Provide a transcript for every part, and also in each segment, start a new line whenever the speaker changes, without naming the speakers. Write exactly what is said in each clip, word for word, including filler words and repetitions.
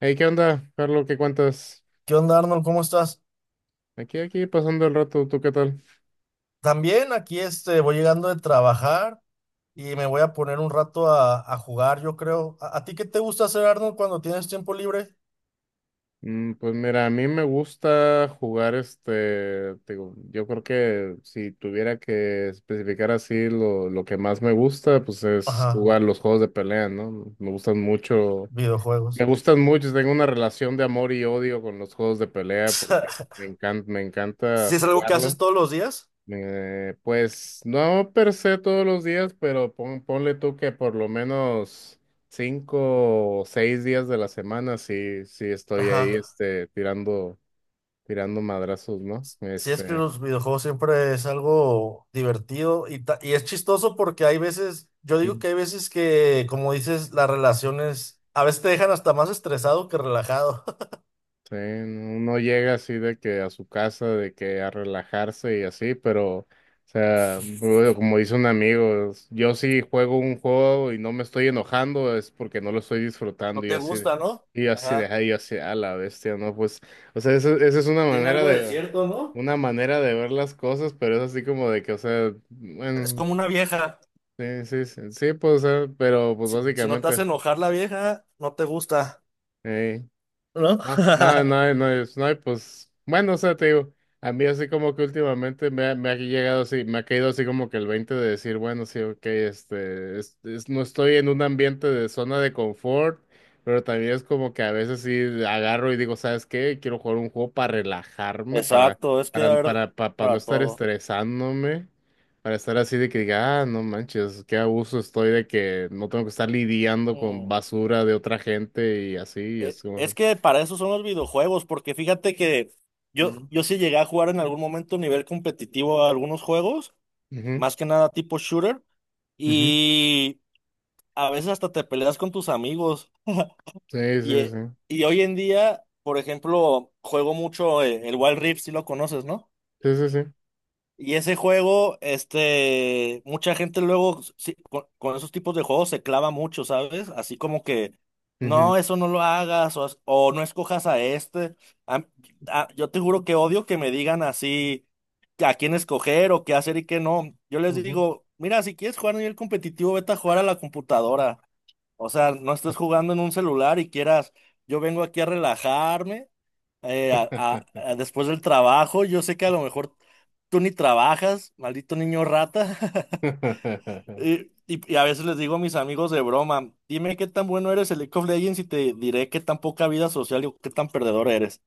Hey, ¿qué onda, Carlos? ¿Qué cuentas?
¿Qué onda, Arnold? ¿Cómo estás?
Aquí, aquí, pasando el rato, ¿tú qué tal?
También aquí este, voy llegando de trabajar y me voy a poner un rato a, a jugar, yo creo. ¿A, a ti qué te gusta hacer, Arnold, cuando tienes tiempo libre?
Mm, pues mira, a mí me gusta jugar este, te digo, yo creo que si tuviera que especificar así lo, lo que más me gusta, pues es
Ajá,
jugar los juegos de pelea, ¿no? Me gustan mucho, me
videojuegos.
gustan mucho, tengo una relación de amor y odio con los juegos de pelea porque me encanta, me encanta
¿Si es algo que haces
jugarlo.
todos los días?
Eh, pues no per se todos los días, pero pon- ponle tú que por lo menos cinco o seis días de la semana sí, sí estoy ahí
Ajá.
este, tirando, tirando madrazos, ¿no?
Sí, es que
Este.
los videojuegos siempre es algo divertido y, ta- y es chistoso porque hay veces, yo digo que hay veces que, como dices, las relaciones a veces te dejan hasta más estresado que relajado.
Sí, uno llega así de que a su casa, de que a relajarse y así, pero, o sea, bueno, como dice un amigo, es- yo si juego un juego y no me estoy enojando es porque no lo estoy
No
disfrutando y
te
así,
gusta, ¿no?
y así de
Ajá.
ahí, así, a la bestia, ¿no? Pues, o sea, eso- esa es una
Tiene
manera
algo de
de,
cierto, ¿no?
una manera de ver las cosas, pero es así como de que, o sea,
Es
bueno,
como una vieja.
sí, sí, sí, sí, pues, o sea, pero pues
Si, si no te
básicamente.
hace enojar la vieja, no te gusta, ¿no?
No, no, no, no, es- no, hay, pues bueno, o sea, te digo, a mí así como que últimamente me ha, me ha llegado así, me ha caído así como que el veinte de decir, bueno, sí, ok, este, es- es- no estoy en un ambiente de zona de confort, pero también es como que a veces sí agarro y digo, ¿sabes qué? Quiero jugar un juego para relajarme, para,
Exacto, es que
para,
a ver,
para, pa- para no
para
estar
todo.
estresándome, para estar así de que diga, ah, no manches, qué abuso estoy de que no tengo que estar lidiando con
Mm,
basura de otra gente y así, y es
e-
como...
Es que para eso son los videojuegos, porque fíjate que yo, yo sí llegué a jugar en algún momento a nivel competitivo a algunos juegos,
Ujú,
más que nada tipo shooter,
ujú.
y a veces hasta te peleas con tus amigos.
Sí,
Y,
sí,
eh,
sí.
y hoy en día, por ejemplo, juego mucho eh, el Wild Rift, si lo conoces, ¿no?
Sí, sí, sí.
Y ese juego, este, mucha gente luego sí, con, con esos tipos de juegos se clava mucho, ¿sabes? Así como que no, eso no lo hagas, o, as- o no escojas a este. A- a- yo te juro que odio que me digan así a quién escoger o qué hacer y qué no. Yo les
Ujú, ujú.
digo, mira, si quieres jugar a nivel competitivo, vete a jugar a la computadora. O sea, no estés jugando en un celular y quieras, yo vengo aquí a relajarme eh, a- a- a después del trabajo. Yo sé que a lo mejor tú ni trabajas, maldito niño rata. Y, y- y a veces les digo a mis amigos de broma, dime qué tan bueno eres en League of Legends y te diré qué tan poca vida social y qué tan perdedor eres.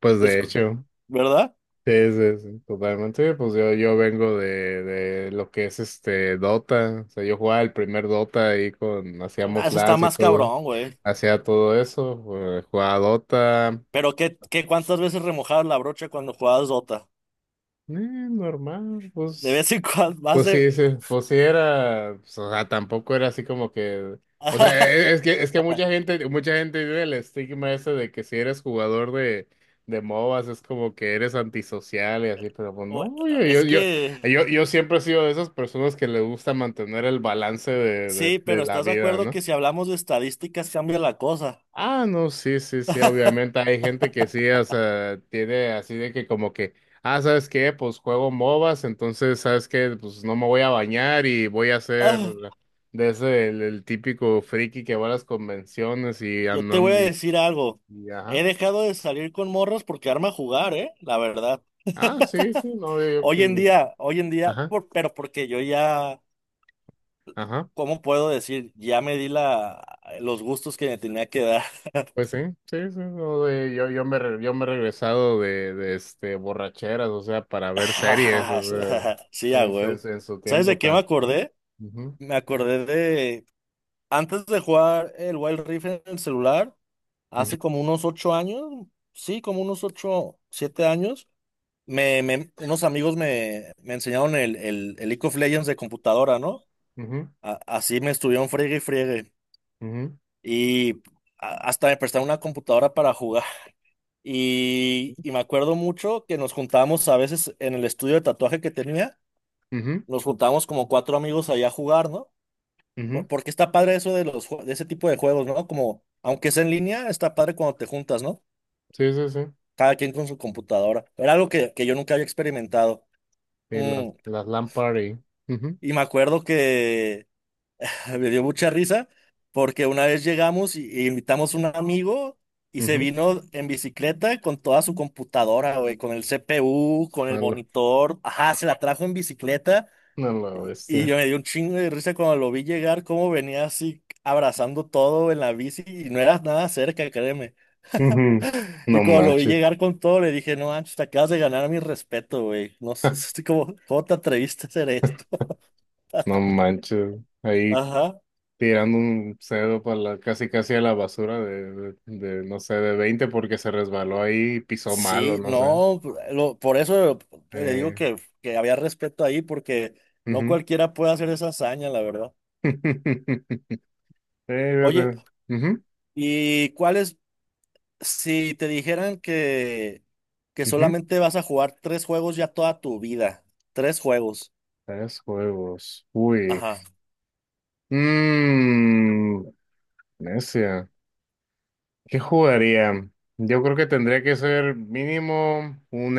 Pues de
Es-
hecho,
¿Verdad?
sí, sí, sí, totalmente. Pues yo, yo vengo de, de lo que es este Dota. O sea, yo jugaba el primer Dota ahí con,
Ah,
hacíamos
eso está
LANs y
más
todo.
cabrón, güey.
Hacía todo eso. eh, Jugaba Dota.
Pero qué, qué cuántas veces remojabas la brocha cuando jugabas Dota.
eh, normal,
De
pues.
vez en cuando, más
Pues sí,
de…
sí, pues sí era, pues, o sea, tampoco era así como que, o sea, e- es que, es que mucha gente, mucha gente vive el estigma ese de que si eres jugador de, de, M O B As es como que eres antisocial y así, pero pues
Güey,
no, yo, yo,
es
yo,
que…
yo, yo siempre he sido de esas personas que le gusta mantener el balance de, de,
Sí,
de
pero
la
¿estás de
vida,
acuerdo
¿no?
que si hablamos de estadísticas cambia la cosa?
Ah, no, sí, sí, sí, obviamente hay gente que sí, o sea, tiene así de que como que, ah, ¿sabes qué? Pues juego M O B As, entonces, ¿sabes qué? Pues no me voy a bañar y voy a ser de ese, el, el típico friki que va a las convenciones y
Yo te voy a
andando y,
decir algo.
y
He
ajá.
dejado de salir con morros porque arma a jugar, ¿eh? La verdad.
Ah, sí, sí, no, yo, yo
Hoy
creo
en
que...
día, hoy en día,
Ajá,
por- pero porque yo ya,
ajá,
¿cómo puedo decir? Ya me di la, los gustos que me tenía que dar.
pues sí, sí, sí, no, de- yo, yo me, re- yo me he regresado de, de, este, borracheras, o sea, para ver series, o sea,
Sí, a
en,
huevo.
en, en su
¿Sabes
tiempo
de qué me
tan.
acordé?
Ujú,
Me acordé de, antes de jugar el Wild Rift en el celular,
ujú.
hace como unos ocho años, sí, como unos ocho, siete años. Me, me- unos amigos me, me enseñaron el, el, el League of Legends de computadora, ¿no?
Ujú,
A- así me estuvieron friegue y friegue.
ujú,
Y a- hasta me prestaron una computadora para jugar. Y, y me acuerdo mucho que nos juntábamos a veces en el estudio de tatuaje que tenía,
ujú,
nos juntábamos como cuatro amigos allá a jugar, ¿no? Por-
ujú.
Porque está padre eso de los, jue- de ese tipo de juegos, ¿no? Como, aunque sea en línea, está padre cuando te juntas, ¿no?
Sí, sí, sí.
Cada quien con su computadora. Era algo que, que yo nunca había experimentado.
Y las,
Mm,
las lámparas y... Ujú,
y me acuerdo que me dio mucha risa porque una vez llegamos y, y invitamos a un amigo y se
ujú.
vino en bicicleta con toda su computadora, güey, con el C P U, con el
A la,
monitor. Ajá, se la trajo en bicicleta
a la
y
bestia.
yo me dio un chingo de risa cuando lo vi llegar, cómo venía así abrazando todo en la bici y no era nada cerca, créeme.
Ujú.
Y
No
cuando lo vi
manches.
llegar con todo, le dije, no, manches, te acabas de ganar mi respeto, güey. No sé, como, ¿cómo te atreviste a hacer esto?
No manches. Ahí
Ajá.
tirando un cedo para la, casi casi a la basura de, de, de, no sé, de veinte porque se resbaló ahí y pisó mal o
Sí,
no sé.
no, lo- por eso le digo
Eh,
que, que había respeto ahí, porque no
Ujú.
cualquiera puede hacer esa hazaña, la verdad.
Eh,
Oye,
fíjate. Ujú,
¿y cuáles? Si te dijeran que, que
ujú.
solamente vas a jugar tres juegos ya toda tu vida. Tres juegos.
Tres juegos. Uy.
Ajá.
Mmm. Necia. ¿Qué jugaría? Yo creo que tendría que ser mínimo un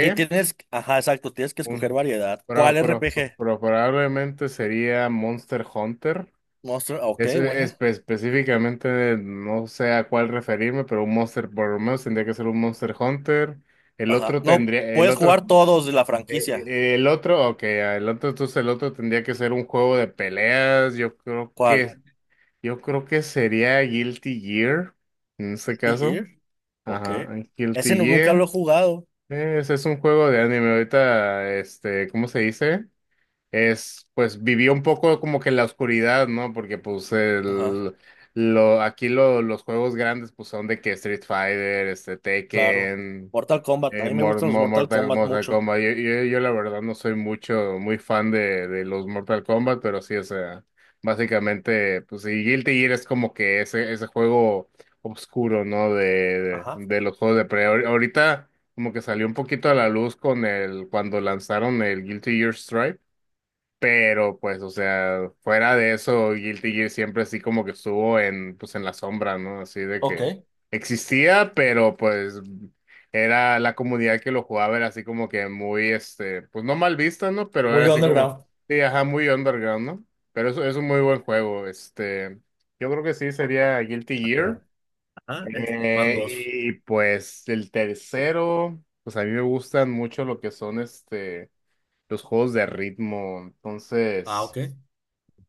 Sí, tienes, ajá, exacto, tienes que escoger
un,
variedad.
pro-
¿Cuál
pro-
R P G?
pro- probablemente sería Monster Hunter.
Monster, ah, ok,
Es, e,
buena.
espe- específicamente no sé a cuál referirme, pero un Monster, por lo menos tendría que ser un Monster Hunter. El
Ajá.
otro
No,
tendría, el
puedes
otro,
jugar todos de la
eh,
franquicia.
eh, el otro, ok, ah, el otro, entonces el otro tendría que ser un juego de peleas. Yo creo
¿Cuál?
que, yo creo que sería Guilty Gear en este
Guilty
caso.
Gear. Ok.
Ajá,
Ese
Guilty
nu- nunca lo
Gear.
he jugado.
Ese es un juego de anime. Ahorita, este, ¿cómo se dice? Es, pues, vivió un poco como que en la oscuridad, ¿no? Porque, pues,
Ajá.
el, lo, aquí lo- los juegos grandes, pues, son de que Street Fighter, este,
Claro.
Tekken.
Mortal Kombat. A
Eh,
mí me
Mor-
gustan los
Mo-
Mortal
Mortal,
Kombat
Mortal
mucho.
Kombat. Yo, yo, yo la verdad no soy mucho, muy fan de, de los Mortal Kombat, pero sí, o sea, básicamente, pues sí, Guilty Gear es como que ese, ese juego oscuro, ¿no? De, de,
Ajá.
de los juegos de pelea. Ahor- Ahorita como que salió un poquito a la luz con el, cuando lanzaron el Guilty Gear Strive. Pero pues, o sea, fuera de eso, Guilty Gear siempre así como que estuvo en, pues en la sombra, ¿no? Así de que
Ok.
existía, pero pues era la comunidad que lo jugaba, era así como que muy, este, pues no mal vista, ¿no? Pero era
Muy
así como,
underground.
sí, ajá, muy underground, ¿no? Pero eso es un muy buen juego, este, yo creo que sí sería Guilty Gear.
Ajá, eh, van
Eh,
dos.
y pues el tercero, pues a mí me gustan mucho lo que son, este, los juegos de ritmo,
Ah,
entonces...
ok.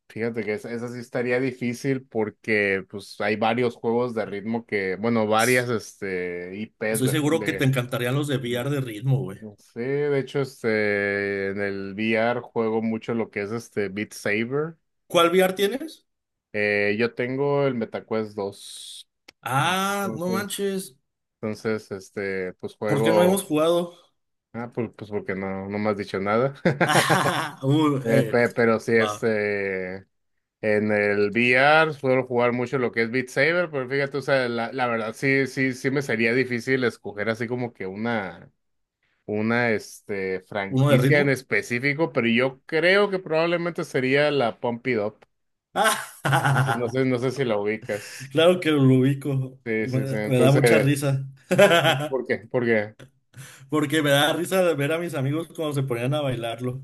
Fíjate que esa, esa sí estaría difícil porque pues hay varios juegos de ritmo que, bueno, varias este I Ps
Estoy
de, ju-
seguro que te
de
encantarían los de V R de ritmo, güey.
no sé, de hecho este en el V R juego mucho lo que es este Beat Saber.
¿Cuál V R tienes?
Eh, yo tengo el MetaQuest dos.
Ah, no
Entonces,
manches.
entonces este pues
¿Por qué no
juego,
hemos jugado?
ah pues, pues, porque no no me has dicho nada.
Uh,
Eh,
eh,
pe- pero sí,
va.
este En el V R suelo jugar mucho lo que es Beat Saber, pero fíjate, o sea, la, la verdad sí, sí, sí me sería difícil escoger así como que una, una, este,
¿Uno de
franquicia en
ritmo?
específico, pero yo creo que probablemente sería la Pump It Up. No sé, no sé, no sé si la ubicas.
Claro que lo ubico.
Sí, sí, sí.
Me, me da mucha
Entonces,
risa.
¿por por qué? ¿Por qué?
Porque me da risa ver a mis amigos cuando se ponían a bailarlo.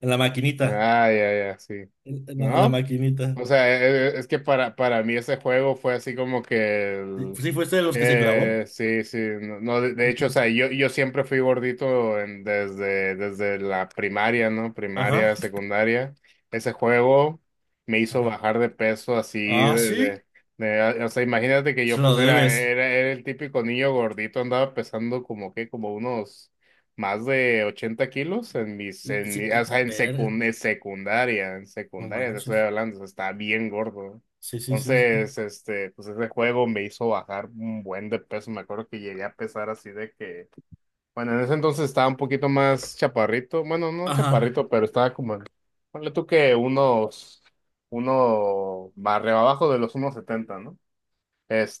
En la maquinita.
Ah, ya, ya, sí.
En, en la, en la
¿No?
maquinita.
O sea, e- e- es que para, para, mí ese juego fue así como que
Sí,
el-
sí, fuiste de los que se clavó.
eh, sí, sí, no, no, de, de hecho, o sea, yo, yo siempre fui gordito en... desde, desde la primaria, ¿no?
Ajá.
Primaria, secundaria. Ese juego me hizo
Ajá.
bajar de peso así
Ah,
de,
sí.
de- de- o sea, imagínate que yo
Se
pues
lo
era,
debes.
era, era el típico niño gordito, andaba pesando como que, como unos más de ochenta kilos en mis, en,
Sí,
mi- o
eh,
sea, en
ver,
secund- en secundaria, en
no
secundaria te estoy
manches.
hablando, o sea, estaba bien gordo.
Sí, sí, sí, sí.
Entonces, este, pues ese juego me hizo bajar un buen de peso. Me acuerdo que llegué a pesar así de que, bueno, en ese entonces estaba un poquito más chaparrito, bueno, no
Ajá.
chaparrito, pero estaba como, en... ponle tú que unos, uno barrio abajo de los uno setenta, ¿no?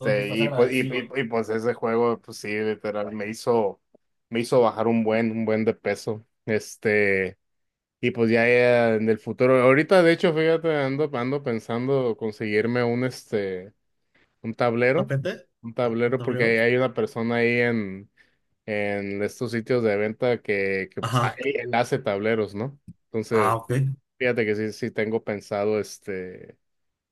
Entonces estás
y pues, y,
agradecido.
y- y, pues ese juego, pues sí, literal, me hizo, me hizo bajar un buen, un buen de peso. Este, y pues ya, ya en el futuro, ahorita de hecho, fíjate, ando, ando pensando conseguirme un, este, un tablero,
¿Tapete?
un
¿O un
tablero, porque
tablero?
hay, hay una persona ahí en, en estos sitios de venta que, que pues, ah,
Ajá.
él hace tableros, ¿no?
Ah,
Entonces,
ok.
fíjate que sí, sí tengo pensado, este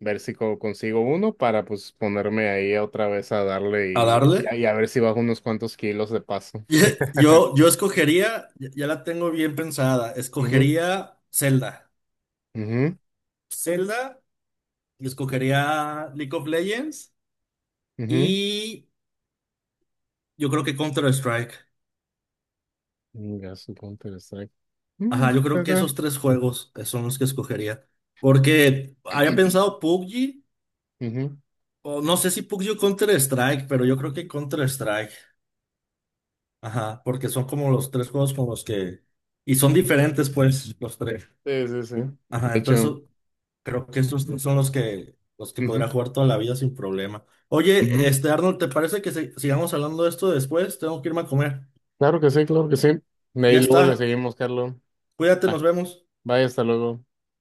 ver si co- consigo uno para pues ponerme ahí otra vez a darle
¿A
y,
darle?
y a y a ver si bajo unos cuantos kilos de paso.
Ye- Yo, yo escogería, ya ya la tengo bien pensada,
Ujú,
escogería Zelda.
ujú,
Zelda, y escogería League of Legends
ujú.
y yo creo que Counter-Strike.
Venga, su Counter Strike. Mm,
Ajá, yo creo que
¿verdad?
esos tres juegos eh, son los que escogería. Porque había pensado P U B G,
Ujú.
o no sé si P U B G o Counter-Strike, pero yo creo que Counter-Strike. Ajá, porque son como los tres juegos con los que… Y son diferentes, pues, los tres.
Sí, sí, sí.
Ajá,
De
entonces
hecho,
o- creo que esos tres son los que, los que
ujú,
podría jugar toda la vida sin problema. Oye,
ujú.
este, Arnold, ¿te parece que se- sigamos hablando de esto después? Tengo que irme a comer.
Claro que sí, claro que sí. De
Ya
ahí luego le
está.
seguimos, Carlos.
Cuídate, nos
Va,
vemos.
bye, hasta luego.